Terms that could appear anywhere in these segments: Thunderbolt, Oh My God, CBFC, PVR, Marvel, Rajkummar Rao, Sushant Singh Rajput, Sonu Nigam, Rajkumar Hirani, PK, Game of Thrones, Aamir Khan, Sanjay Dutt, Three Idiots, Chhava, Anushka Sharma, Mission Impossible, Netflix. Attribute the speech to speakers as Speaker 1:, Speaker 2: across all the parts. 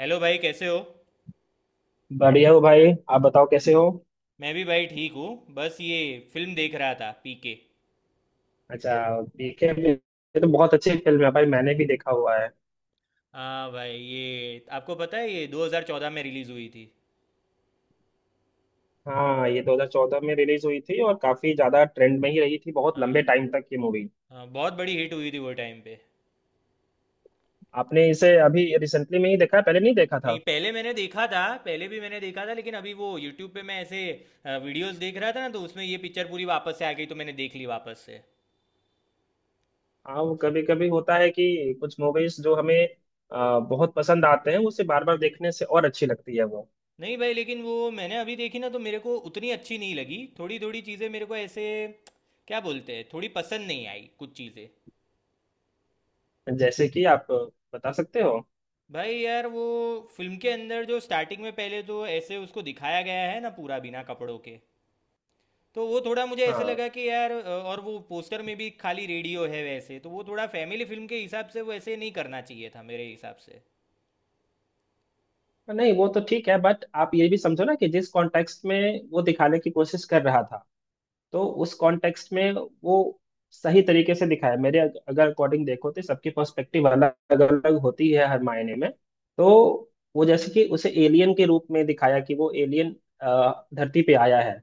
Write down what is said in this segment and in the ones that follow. Speaker 1: Hello भाई, कैसे हो?
Speaker 2: बढ़िया हो भाई। आप बताओ कैसे हो।
Speaker 1: मैं भी भाई ठीक हूँ। बस ये फिल्म देख रहा था, पीके।
Speaker 2: अच्छा। ये तो बहुत अच्छी फिल्म है भाई। मैंने भी देखा हुआ है।
Speaker 1: हाँ भाई, ये आपको पता है ये 2014 में रिलीज़ हुई थी।
Speaker 2: हाँ ये 2014 में रिलीज हुई थी और काफी ज्यादा ट्रेंड में ही रही थी बहुत
Speaker 1: हाँ।
Speaker 2: लंबे टाइम तक ये मूवी।
Speaker 1: हाँ, बहुत बड़ी हिट हुई थी वो टाइम पे।
Speaker 2: आपने इसे अभी रिसेंटली में ही देखा है पहले नहीं देखा
Speaker 1: नहीं,
Speaker 2: था।
Speaker 1: पहले मैंने देखा था, पहले भी मैंने देखा था, लेकिन अभी वो यूट्यूब पे मैं ऐसे वीडियोस देख रहा था ना तो उसमें ये पिक्चर पूरी वापस से आ गई तो मैंने देख ली वापस से।
Speaker 2: हाँ वो कभी कभी होता है कि कुछ मूवीज जो हमें बहुत पसंद आते हैं उसे बार बार देखने से और अच्छी लगती है वो।
Speaker 1: नहीं भाई, लेकिन वो मैंने अभी देखी ना तो मेरे को उतनी अच्छी नहीं लगी। थोड़ी थोड़ी चीज़ें मेरे को ऐसे क्या बोलते हैं, थोड़ी पसंद नहीं आई कुछ चीज़ें।
Speaker 2: जैसे कि आप बता सकते हो।
Speaker 1: भाई यार, वो फिल्म के अंदर जो स्टार्टिंग में पहले तो ऐसे उसको दिखाया गया है ना पूरा बिना कपड़ों के। तो वो थोड़ा मुझे ऐसे
Speaker 2: हाँ।
Speaker 1: लगा कि यार, और वो पोस्टर में भी खाली रेडियो है वैसे। तो वो थोड़ा फैमिली फिल्म के हिसाब से वो ऐसे नहीं करना चाहिए था मेरे हिसाब से।
Speaker 2: नहीं वो तो ठीक है बट आप ये भी समझो ना कि जिस कॉन्टेक्स्ट में वो दिखाने की कोशिश कर रहा था तो उस कॉन्टेक्स्ट में वो सही तरीके से दिखाया है। मेरे अगर अकॉर्डिंग देखो तो सबकी पर्सपेक्टिव अलग अलग होती है हर मायने में। तो वो जैसे कि उसे एलियन के रूप में दिखाया कि वो एलियन धरती पे आया है।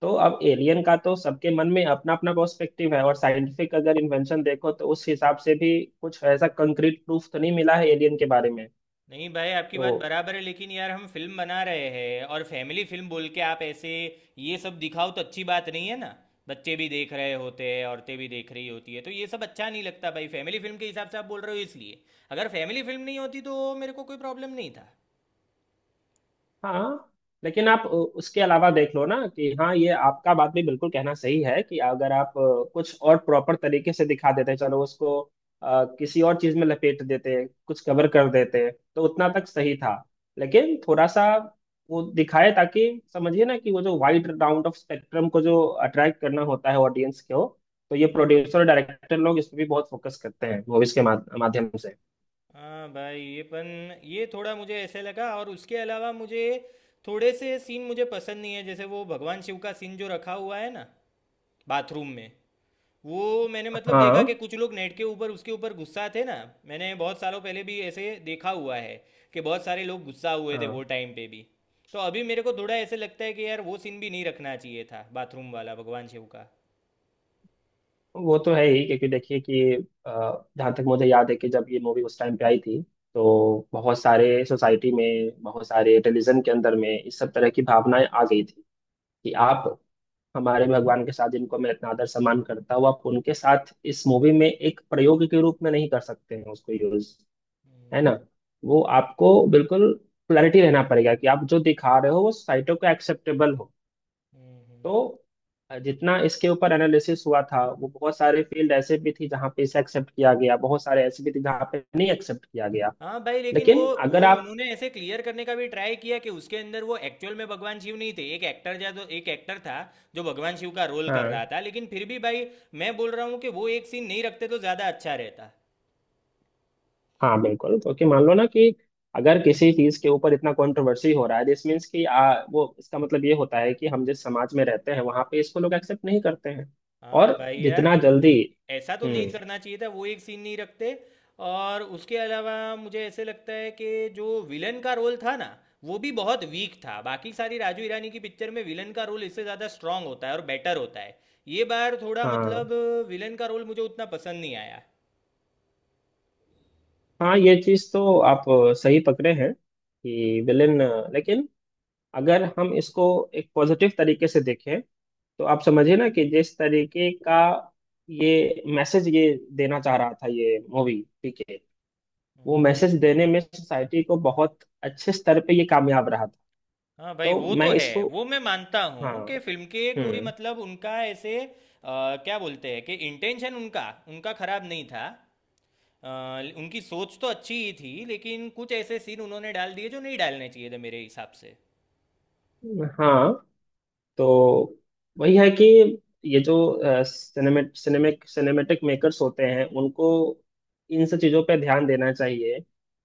Speaker 2: तो अब एलियन का तो सबके मन में अपना अपना पर्सपेक्टिव है और साइंटिफिक अगर इन्वेंशन देखो तो उस हिसाब से भी कुछ ऐसा कंक्रीट प्रूफ तो नहीं मिला है एलियन के बारे में।
Speaker 1: नहीं भाई, आपकी
Speaker 2: तो
Speaker 1: बात बराबर है, लेकिन यार हम फिल्म बना रहे हैं और फैमिली फिल्म बोल के आप ऐसे ये सब दिखाओ तो अच्छी बात नहीं है ना। बच्चे भी देख रहे होते हैं, औरतें भी देख रही होती है, तो ये सब अच्छा नहीं लगता भाई। फैमिली फिल्म के हिसाब से आप बोल रहे हो इसलिए। अगर फैमिली फिल्म नहीं होती तो मेरे को कोई प्रॉब्लम नहीं था।
Speaker 2: हाँ। लेकिन आप उसके अलावा देख लो ना कि हाँ ये आपका बात भी बिल्कुल कहना सही है कि अगर आप कुछ और प्रॉपर तरीके से दिखा देते चलो उसको किसी और चीज में लपेट देते कुछ कवर कर देते तो उतना तक सही था। लेकिन थोड़ा सा वो दिखाए ताकि समझिए ना कि वो जो वाइड राउंड ऑफ स्पेक्ट्रम को जो अट्रैक्ट करना होता है ऑडियंस को। तो ये प्रोड्यूसर डायरेक्टर लोग इस पे भी बहुत फोकस करते हैं मूवीज के माध्यम से।
Speaker 1: हाँ भाई, ये थोड़ा मुझे ऐसे लगा और उसके अलावा मुझे थोड़े से सीन मुझे पसंद नहीं है, जैसे वो भगवान शिव का सीन जो रखा हुआ है ना बाथरूम में। वो मैंने मतलब
Speaker 2: हाँ।
Speaker 1: देखा कि कुछ लोग नेट के ऊपर उसके ऊपर गुस्सा थे ना। मैंने बहुत सालों पहले भी ऐसे देखा हुआ है कि बहुत सारे लोग गुस्सा हुए थे वो
Speaker 2: हाँ
Speaker 1: टाइम पे भी। तो अभी मेरे को थोड़ा ऐसे लगता है कि यार वो सीन भी नहीं रखना चाहिए था, बाथरूम वाला भगवान शिव का।
Speaker 2: वो तो है ही क्योंकि देखिए कि जहाँ तक मुझे याद है कि जब ये मूवी उस टाइम पे आई थी तो बहुत सारे सोसाइटी में बहुत सारे रिलीजन के अंदर में इस सब तरह की भावनाएं आ गई थी कि आप हमारे भगवान के साथ जिनको मैं इतना आदर सम्मान करता हूँ आप उनके साथ इस मूवी में एक प्रयोग के रूप में नहीं कर सकते हैं उसको यूज।
Speaker 1: हम्म,
Speaker 2: है ना। वो आपको बिल्कुल क्लैरिटी रहना पड़ेगा कि आप जो दिखा रहे हो वो सोसाइटी को एक्सेप्टेबल हो।
Speaker 1: Hmm, hmm.
Speaker 2: तो जितना इसके ऊपर एनालिसिस हुआ था वो बहुत सारे फील्ड ऐसे भी थी जहाँ पे इसे एक्सेप्ट किया गया बहुत सारे ऐसे भी थे जहाँ पे नहीं एक्सेप्ट किया गया।
Speaker 1: हाँ भाई, लेकिन वो
Speaker 2: लेकिन
Speaker 1: वो
Speaker 2: अगर आप।
Speaker 1: उन्होंने ऐसे क्लियर करने का भी ट्राई किया कि उसके अंदर वो एक्चुअल में भगवान शिव नहीं थे, एक एक्टर जा तो एक एक्टर था जो भगवान शिव का रोल कर रहा
Speaker 2: हाँ
Speaker 1: था, लेकिन फिर भी भाई मैं बोल रहा हूँ कि वो एक सीन नहीं रखते तो ज़्यादा अच्छा रहता।
Speaker 2: हाँ बिल्कुल क्योंकि मान लो ना कि अगर किसी चीज के ऊपर इतना कंट्रोवर्सी हो रहा है दिस मीन्स कि वो इसका मतलब ये होता है कि हम जिस समाज में रहते हैं वहां पे इसको लोग एक्सेप्ट नहीं करते हैं।
Speaker 1: हाँ
Speaker 2: और
Speaker 1: भाई यार,
Speaker 2: जितना जल्दी।
Speaker 1: ऐसा तो नहीं
Speaker 2: हम्म।
Speaker 1: करना चाहिए था, वो एक सीन नहीं रखते। और उसके अलावा मुझे ऐसे लगता है कि जो विलन का रोल था ना, वो भी बहुत वीक था। बाकी सारी राजू ईरानी की पिक्चर में विलन का रोल इससे ज़्यादा स्ट्रांग होता है और बेटर होता है। ये बार थोड़ा
Speaker 2: हाँ
Speaker 1: मतलब, विलन का रोल मुझे उतना पसंद नहीं आया।
Speaker 2: हाँ ये चीज तो आप सही पकड़े हैं कि विलेन। लेकिन अगर हम इसको एक पॉजिटिव तरीके से देखें तो आप समझिए ना कि जिस तरीके का ये मैसेज ये देना चाह रहा था ये मूवी ठीक है वो मैसेज देने में सोसाइटी को बहुत अच्छे स्तर पे ये कामयाब रहा था।
Speaker 1: हाँ भाई,
Speaker 2: तो
Speaker 1: वो
Speaker 2: मैं
Speaker 1: तो है,
Speaker 2: इसको।
Speaker 1: वो मैं मानता
Speaker 2: हाँ।
Speaker 1: हूँ कि फिल्म के कोई
Speaker 2: हम्म।
Speaker 1: मतलब उनका ऐसे क्या बोलते हैं कि इंटेंशन उनका उनका खराब नहीं था। अ, उनकी सोच तो अच्छी ही थी, लेकिन कुछ ऐसे सीन उन्होंने डाल दिए जो नहीं डालने चाहिए थे मेरे हिसाब से।
Speaker 2: हाँ। तो वही है कि ये जो सिनेमेटिक मेकर्स होते हैं उनको इन सब चीज़ों पे ध्यान देना चाहिए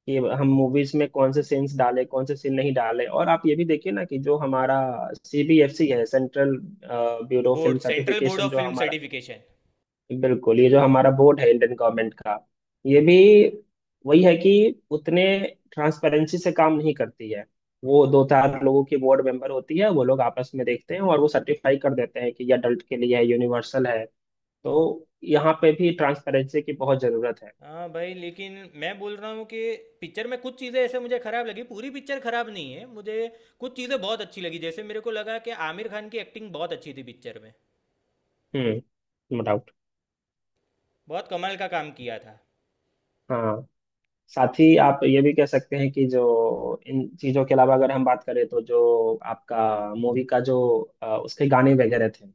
Speaker 2: कि हम मूवीज में कौन से सीन्स डालें कौन से सीन नहीं डालें और आप ये भी देखिए ना कि जो हमारा सीबीएफसी है central bureau of
Speaker 1: board
Speaker 2: film
Speaker 1: central board
Speaker 2: certification
Speaker 1: of
Speaker 2: जो
Speaker 1: फिल्म
Speaker 2: हमारा।
Speaker 1: सर्टिफिकेशन।
Speaker 2: बिल्कुल ये जो हमारा बोर्ड है इंडियन गवर्नमेंट का। ये भी वही है कि उतने ट्रांसपेरेंसी से काम नहीं करती है। वो दो चार लोगों की बोर्ड मेंबर होती है वो लोग आपस में देखते हैं और वो सर्टिफाई कर देते हैं कि ये अडल्ट के लिए है यूनिवर्सल है। तो यहाँ पे भी ट्रांसपेरेंसी की बहुत जरूरत है।
Speaker 1: हाँ भाई, लेकिन मैं बोल रहा हूँ कि पिक्चर में कुछ चीज़ें ऐसे मुझे खराब लगी, पूरी पिक्चर खराब नहीं है मुझे। कुछ चीज़ें बहुत अच्छी लगी, जैसे मेरे को लगा कि आमिर खान की एक्टिंग बहुत अच्छी थी पिक्चर में।
Speaker 2: No doubt.
Speaker 1: बहुत कमाल का काम किया था।
Speaker 2: हाँ साथ ही आप ये भी कह सकते हैं कि जो इन चीजों के अलावा अगर हम बात करें तो जो आपका मूवी का जो उसके गाने वगैरह थे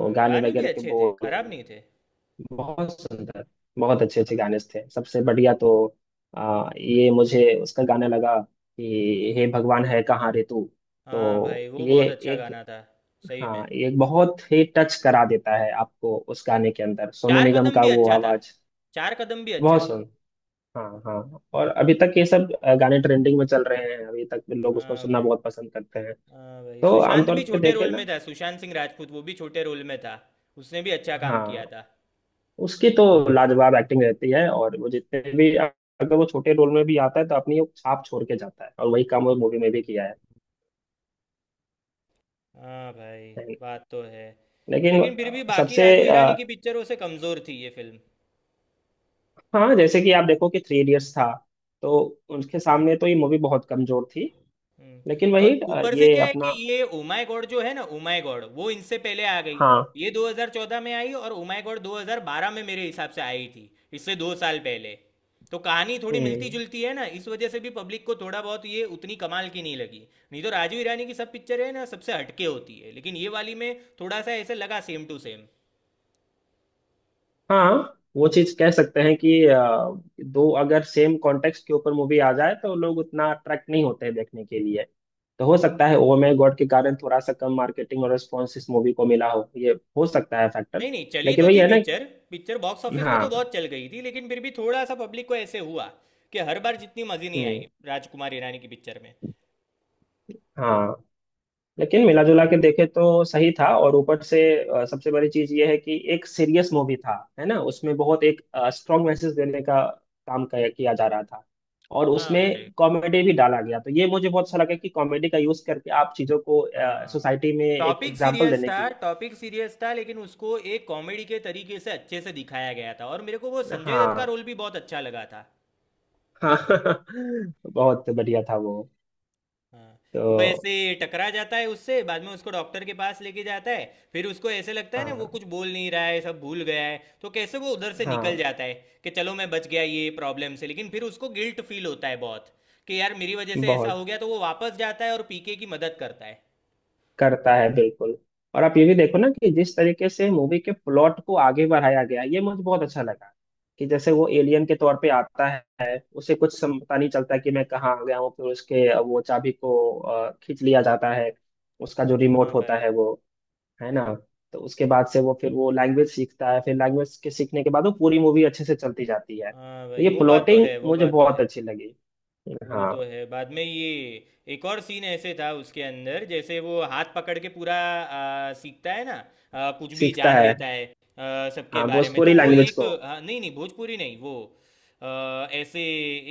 Speaker 1: हाँ,
Speaker 2: गाने
Speaker 1: गाने भी
Speaker 2: वगैरह के
Speaker 1: अच्छे थे, खराब
Speaker 2: बोल
Speaker 1: नहीं थे।
Speaker 2: बहुत सुंदर बहुत अच्छे
Speaker 1: हाँ
Speaker 2: अच्छे गाने
Speaker 1: भाई।
Speaker 2: थे सबसे बढ़िया तो ये मुझे उसका गाना लगा कि हे भगवान है कहाँ रे तू।
Speaker 1: हाँ
Speaker 2: तो
Speaker 1: भाई, वो
Speaker 2: ये
Speaker 1: बहुत अच्छा
Speaker 2: एक।
Speaker 1: गाना था, सही
Speaker 2: हाँ
Speaker 1: में।
Speaker 2: ये एक बहुत ही टच करा देता है आपको उस गाने के अंदर सोनू
Speaker 1: चार
Speaker 2: निगम
Speaker 1: कदम
Speaker 2: का
Speaker 1: भी
Speaker 2: वो
Speaker 1: अच्छा था।
Speaker 2: आवाज।
Speaker 1: चार कदम भी अच्छा
Speaker 2: बहुत
Speaker 1: था।
Speaker 2: सुन। हाँ हाँ और अभी तक ये सब गाने ट्रेंडिंग में चल रहे हैं अभी तक लोग उसको
Speaker 1: हाँ
Speaker 2: सुनना
Speaker 1: भाई।
Speaker 2: बहुत पसंद करते हैं।
Speaker 1: हाँ भाई,
Speaker 2: तो
Speaker 1: सुशांत
Speaker 2: आमतौर
Speaker 1: भी
Speaker 2: पे
Speaker 1: छोटे
Speaker 2: देखे
Speaker 1: रोल में
Speaker 2: ना।
Speaker 1: था, सुशांत सिंह राजपूत, वो भी छोटे रोल में था। उसने भी अच्छा काम किया
Speaker 2: हाँ।
Speaker 1: था।
Speaker 2: उसकी तो लाजवाब एक्टिंग रहती है और वो जितने भी अगर वो छोटे रोल में भी आता है तो अपनी वो छाप छोड़ के जाता है और वही काम वो मूवी में भी किया है।
Speaker 1: हाँ भाई, बात तो है।
Speaker 2: लेकिन
Speaker 1: लेकिन फिर भी बाकी
Speaker 2: सबसे।
Speaker 1: राजू हिरानी की
Speaker 2: अ,
Speaker 1: पिक्चरों से कमज़ोर थी ये फिल्म।
Speaker 2: हाँ जैसे कि आप देखो कि थ्री इडियट्स था तो उनके सामने तो ये मूवी बहुत कमजोर थी।
Speaker 1: हम्म।
Speaker 2: लेकिन
Speaker 1: और
Speaker 2: वही
Speaker 1: ऊपर से
Speaker 2: ये
Speaker 1: क्या है
Speaker 2: अपना।
Speaker 1: कि ये ओ माय गॉड जो है ना, ओ माय गॉड वो इनसे पहले आ गई।
Speaker 2: हाँ।
Speaker 1: ये 2014 में आई और ओ माय गॉड 2012 में मेरे हिसाब से आई थी, इससे 2 साल पहले। तो कहानी थोड़ी मिलती
Speaker 2: हम्म।
Speaker 1: जुलती है ना, इस वजह से भी पब्लिक को थोड़ा बहुत ये उतनी कमाल की नहीं लगी, नहीं तो राजू ईरानी की सब पिक्चर है ना सबसे हटके होती है, लेकिन ये वाली में थोड़ा सा ऐसे लगा सेम टू सेम।
Speaker 2: हाँ वो चीज कह सकते हैं कि दो अगर सेम कॉन्टेक्स्ट के ऊपर मूवी आ जाए तो लोग उतना अट्रैक्ट नहीं होते हैं देखने के लिए। तो हो सकता है ओ माय गॉड के कारण थोड़ा सा कम मार्केटिंग और रिस्पॉन्स इस मूवी को मिला हो ये हो सकता है फैक्टर।
Speaker 1: नहीं नहीं, चली
Speaker 2: लेकिन
Speaker 1: तो
Speaker 2: वही
Speaker 1: थी
Speaker 2: है ना।
Speaker 1: पिक्चर। पिक्चर बॉक्स ऑफिस पे तो
Speaker 2: हाँ।
Speaker 1: बहुत चल गई थी, लेकिन फिर भी थोड़ा सा पब्लिक को ऐसे हुआ कि हर बार जितनी मज़े नहीं
Speaker 2: हम्म।
Speaker 1: आई राजकुमार ईरानी की पिक्चर में।
Speaker 2: हाँ लेकिन मिला जुला के देखे तो सही था और ऊपर से सबसे बड़ी चीज ये है कि एक सीरियस मूवी था है ना उसमें बहुत एक स्ट्रॉन्ग मैसेज देने का काम किया किया जा रहा था और
Speaker 1: हाँ भाई।
Speaker 2: उसमें कॉमेडी भी डाला गया तो ये मुझे बहुत अच्छा लगा कि कॉमेडी का यूज करके आप चीजों को
Speaker 1: हाँ।
Speaker 2: सोसाइटी में एक
Speaker 1: टॉपिक
Speaker 2: एग्जाम्पल
Speaker 1: सीरियस
Speaker 2: देने
Speaker 1: था।
Speaker 2: की।
Speaker 1: टॉपिक सीरियस था, लेकिन उसको एक कॉमेडी के तरीके से अच्छे से दिखाया गया था और मेरे को वो संजय दत्त का
Speaker 2: हाँ
Speaker 1: रोल भी बहुत अच्छा लगा था।
Speaker 2: हाँ बहुत बढ़िया था वो।
Speaker 1: हाँ,
Speaker 2: तो।
Speaker 1: वो ऐसे टकरा जाता है उससे, बाद में उसको डॉक्टर के पास लेके जाता है। फिर उसको ऐसे लगता है ना वो
Speaker 2: हाँ
Speaker 1: कुछ बोल नहीं रहा है, सब भूल गया है, तो कैसे वो उधर से निकल
Speaker 2: हाँ
Speaker 1: जाता है कि चलो मैं बच गया ये प्रॉब्लम से। लेकिन फिर उसको गिल्ट फील होता है बहुत कि यार मेरी वजह से ऐसा
Speaker 2: बहुत।
Speaker 1: हो गया, तो वो वापस जाता है और पीके की मदद करता है।
Speaker 2: करता है बिल्कुल। और आप ये भी देखो ना कि जिस तरीके से मूवी के प्लॉट को आगे बढ़ाया गया ये मुझे बहुत अच्छा लगा कि जैसे वो एलियन के तौर पे आता है उसे कुछ पता नहीं चलता कि मैं कहाँ आ गया हूँ फिर उसके वो चाबी को खींच लिया जाता है उसका जो
Speaker 1: हाँ
Speaker 2: रिमोट होता
Speaker 1: भाई।
Speaker 2: है वो। है ना। तो उसके बाद से वो फिर वो लैंग्वेज सीखता है फिर लैंग्वेज के सीखने के बाद वो पूरी मूवी अच्छे से चलती जाती है
Speaker 1: हाँ
Speaker 2: तो
Speaker 1: भाई,
Speaker 2: ये
Speaker 1: वो बात तो
Speaker 2: प्लॉटिंग
Speaker 1: है, वो
Speaker 2: मुझे
Speaker 1: बात तो
Speaker 2: बहुत
Speaker 1: है।
Speaker 2: अच्छी लगी।
Speaker 1: वो
Speaker 2: हाँ।
Speaker 1: तो है। बाद में ये एक और सीन ऐसे था उसके अंदर, जैसे वो हाथ पकड़ के पूरा सीखता है ना, कुछ भी
Speaker 2: सीखता
Speaker 1: जान
Speaker 2: है।
Speaker 1: लेता है सबके
Speaker 2: हाँ
Speaker 1: बारे में। तो
Speaker 2: भोजपुरी
Speaker 1: वो
Speaker 2: लैंग्वेज
Speaker 1: एक
Speaker 2: को।
Speaker 1: हाँ, नहीं नहीं, भोजपुरी नहीं, वो ऐसे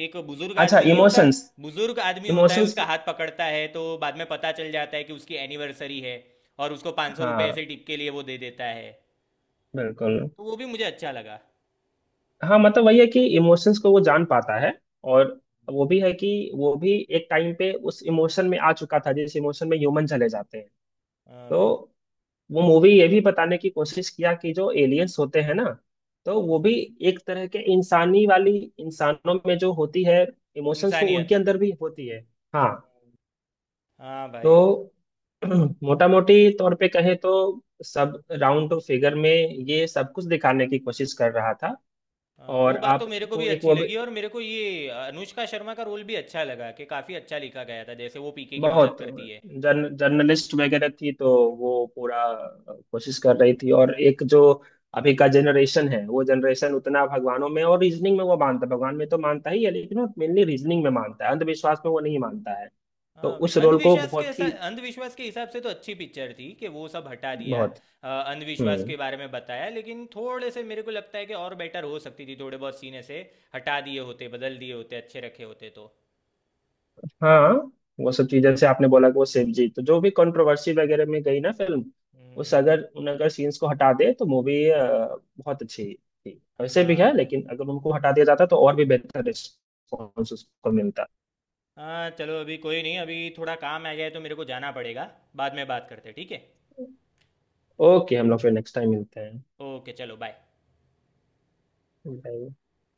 Speaker 1: एक बुजुर्ग
Speaker 2: अच्छा
Speaker 1: आदमी नहीं होता,
Speaker 2: इमोशंस।
Speaker 1: बुजुर्ग आदमी होता है,
Speaker 2: इमोशंस।
Speaker 1: उसका हाथ पकड़ता है, तो बाद में पता चल जाता है कि उसकी एनिवर्सरी है और उसको 500 रुपये ऐसे
Speaker 2: हाँ
Speaker 1: टिप के लिए वो दे देता है।
Speaker 2: बिल्कुल।
Speaker 1: तो वो भी मुझे अच्छा लगा।
Speaker 2: हाँ मतलब वही है कि इमोशंस को वो जान पाता है और वो भी है कि वो भी एक टाइम पे उस इमोशन में आ चुका था जिस इमोशन में ह्यूमन चले जाते हैं।
Speaker 1: हाँ
Speaker 2: तो
Speaker 1: भाई।
Speaker 2: वो मूवी ये भी बताने की कोशिश किया कि जो एलियंस होते हैं ना तो वो भी
Speaker 1: हम्म।
Speaker 2: एक तरह के इंसानी वाली इंसानों में जो होती है इमोशंस वो उनके
Speaker 1: इंसानियत।
Speaker 2: अंदर भी होती है। हाँ।
Speaker 1: हाँ भाई।
Speaker 2: तो मोटा मोटी तौर पे कहें तो सब राउंड फिगर में ये सब कुछ दिखाने की कोशिश कर रहा था।
Speaker 1: हाँ, वो
Speaker 2: और
Speaker 1: बात तो मेरे को भी
Speaker 2: आपको एक
Speaker 1: अच्छी
Speaker 2: वो भी
Speaker 1: लगी, और मेरे को ये अनुष्का शर्मा का रोल भी अच्छा लगा, कि काफी अच्छा लिखा गया था, जैसे वो पीके की मदद
Speaker 2: बहुत
Speaker 1: करती है।
Speaker 2: जर्नलिस्ट वगैरह थी तो
Speaker 1: हाँ हाँ।
Speaker 2: वो पूरा कोशिश कर रही थी और एक जो अभी का जनरेशन है वो जनरेशन उतना भगवानों में और रीजनिंग में वो मानता है भगवान में तो मानता ही है लेकिन वो मेनली रीजनिंग में मानता है अंधविश्वास में वो नहीं मानता है। तो
Speaker 1: हाँ भाई,
Speaker 2: उस रोल को बहुत ही
Speaker 1: अंधविश्वास के हिसाब से तो अच्छी पिक्चर थी कि वो सब हटा दिया।
Speaker 2: बहुत।
Speaker 1: अंधविश्वास
Speaker 2: हम्म।
Speaker 1: के बारे में बताया, लेकिन थोड़े से मेरे को लगता है कि और बेटर हो सकती थी, थोड़े बहुत सीन ऐसे हटा दिए होते, बदल दिए होते, अच्छे रखे होते तो।
Speaker 2: हाँ वो सब चीज जैसे आपने बोला कि वो शिव जी तो जो भी कंट्रोवर्सी वगैरह में गई ना फिल्म
Speaker 1: हम्म,
Speaker 2: उस अगर उन अगर सीन्स को हटा दे तो मूवी बहुत अच्छी थी वैसे भी
Speaker 1: हाँ
Speaker 2: है
Speaker 1: भाई।
Speaker 2: लेकिन अगर उनको हटा दिया जाता तो और भी बेहतर रिस्पॉन्स उसको मिलता।
Speaker 1: हाँ, चलो अभी कोई नहीं, अभी थोड़ा काम आ गया है तो मेरे को जाना पड़ेगा। बाद में बात करते हैं, ठीक है।
Speaker 2: ओके हम लोग फिर नेक्स्ट टाइम मिलते हैं।
Speaker 1: ओके, चलो बाय।
Speaker 2: Bye.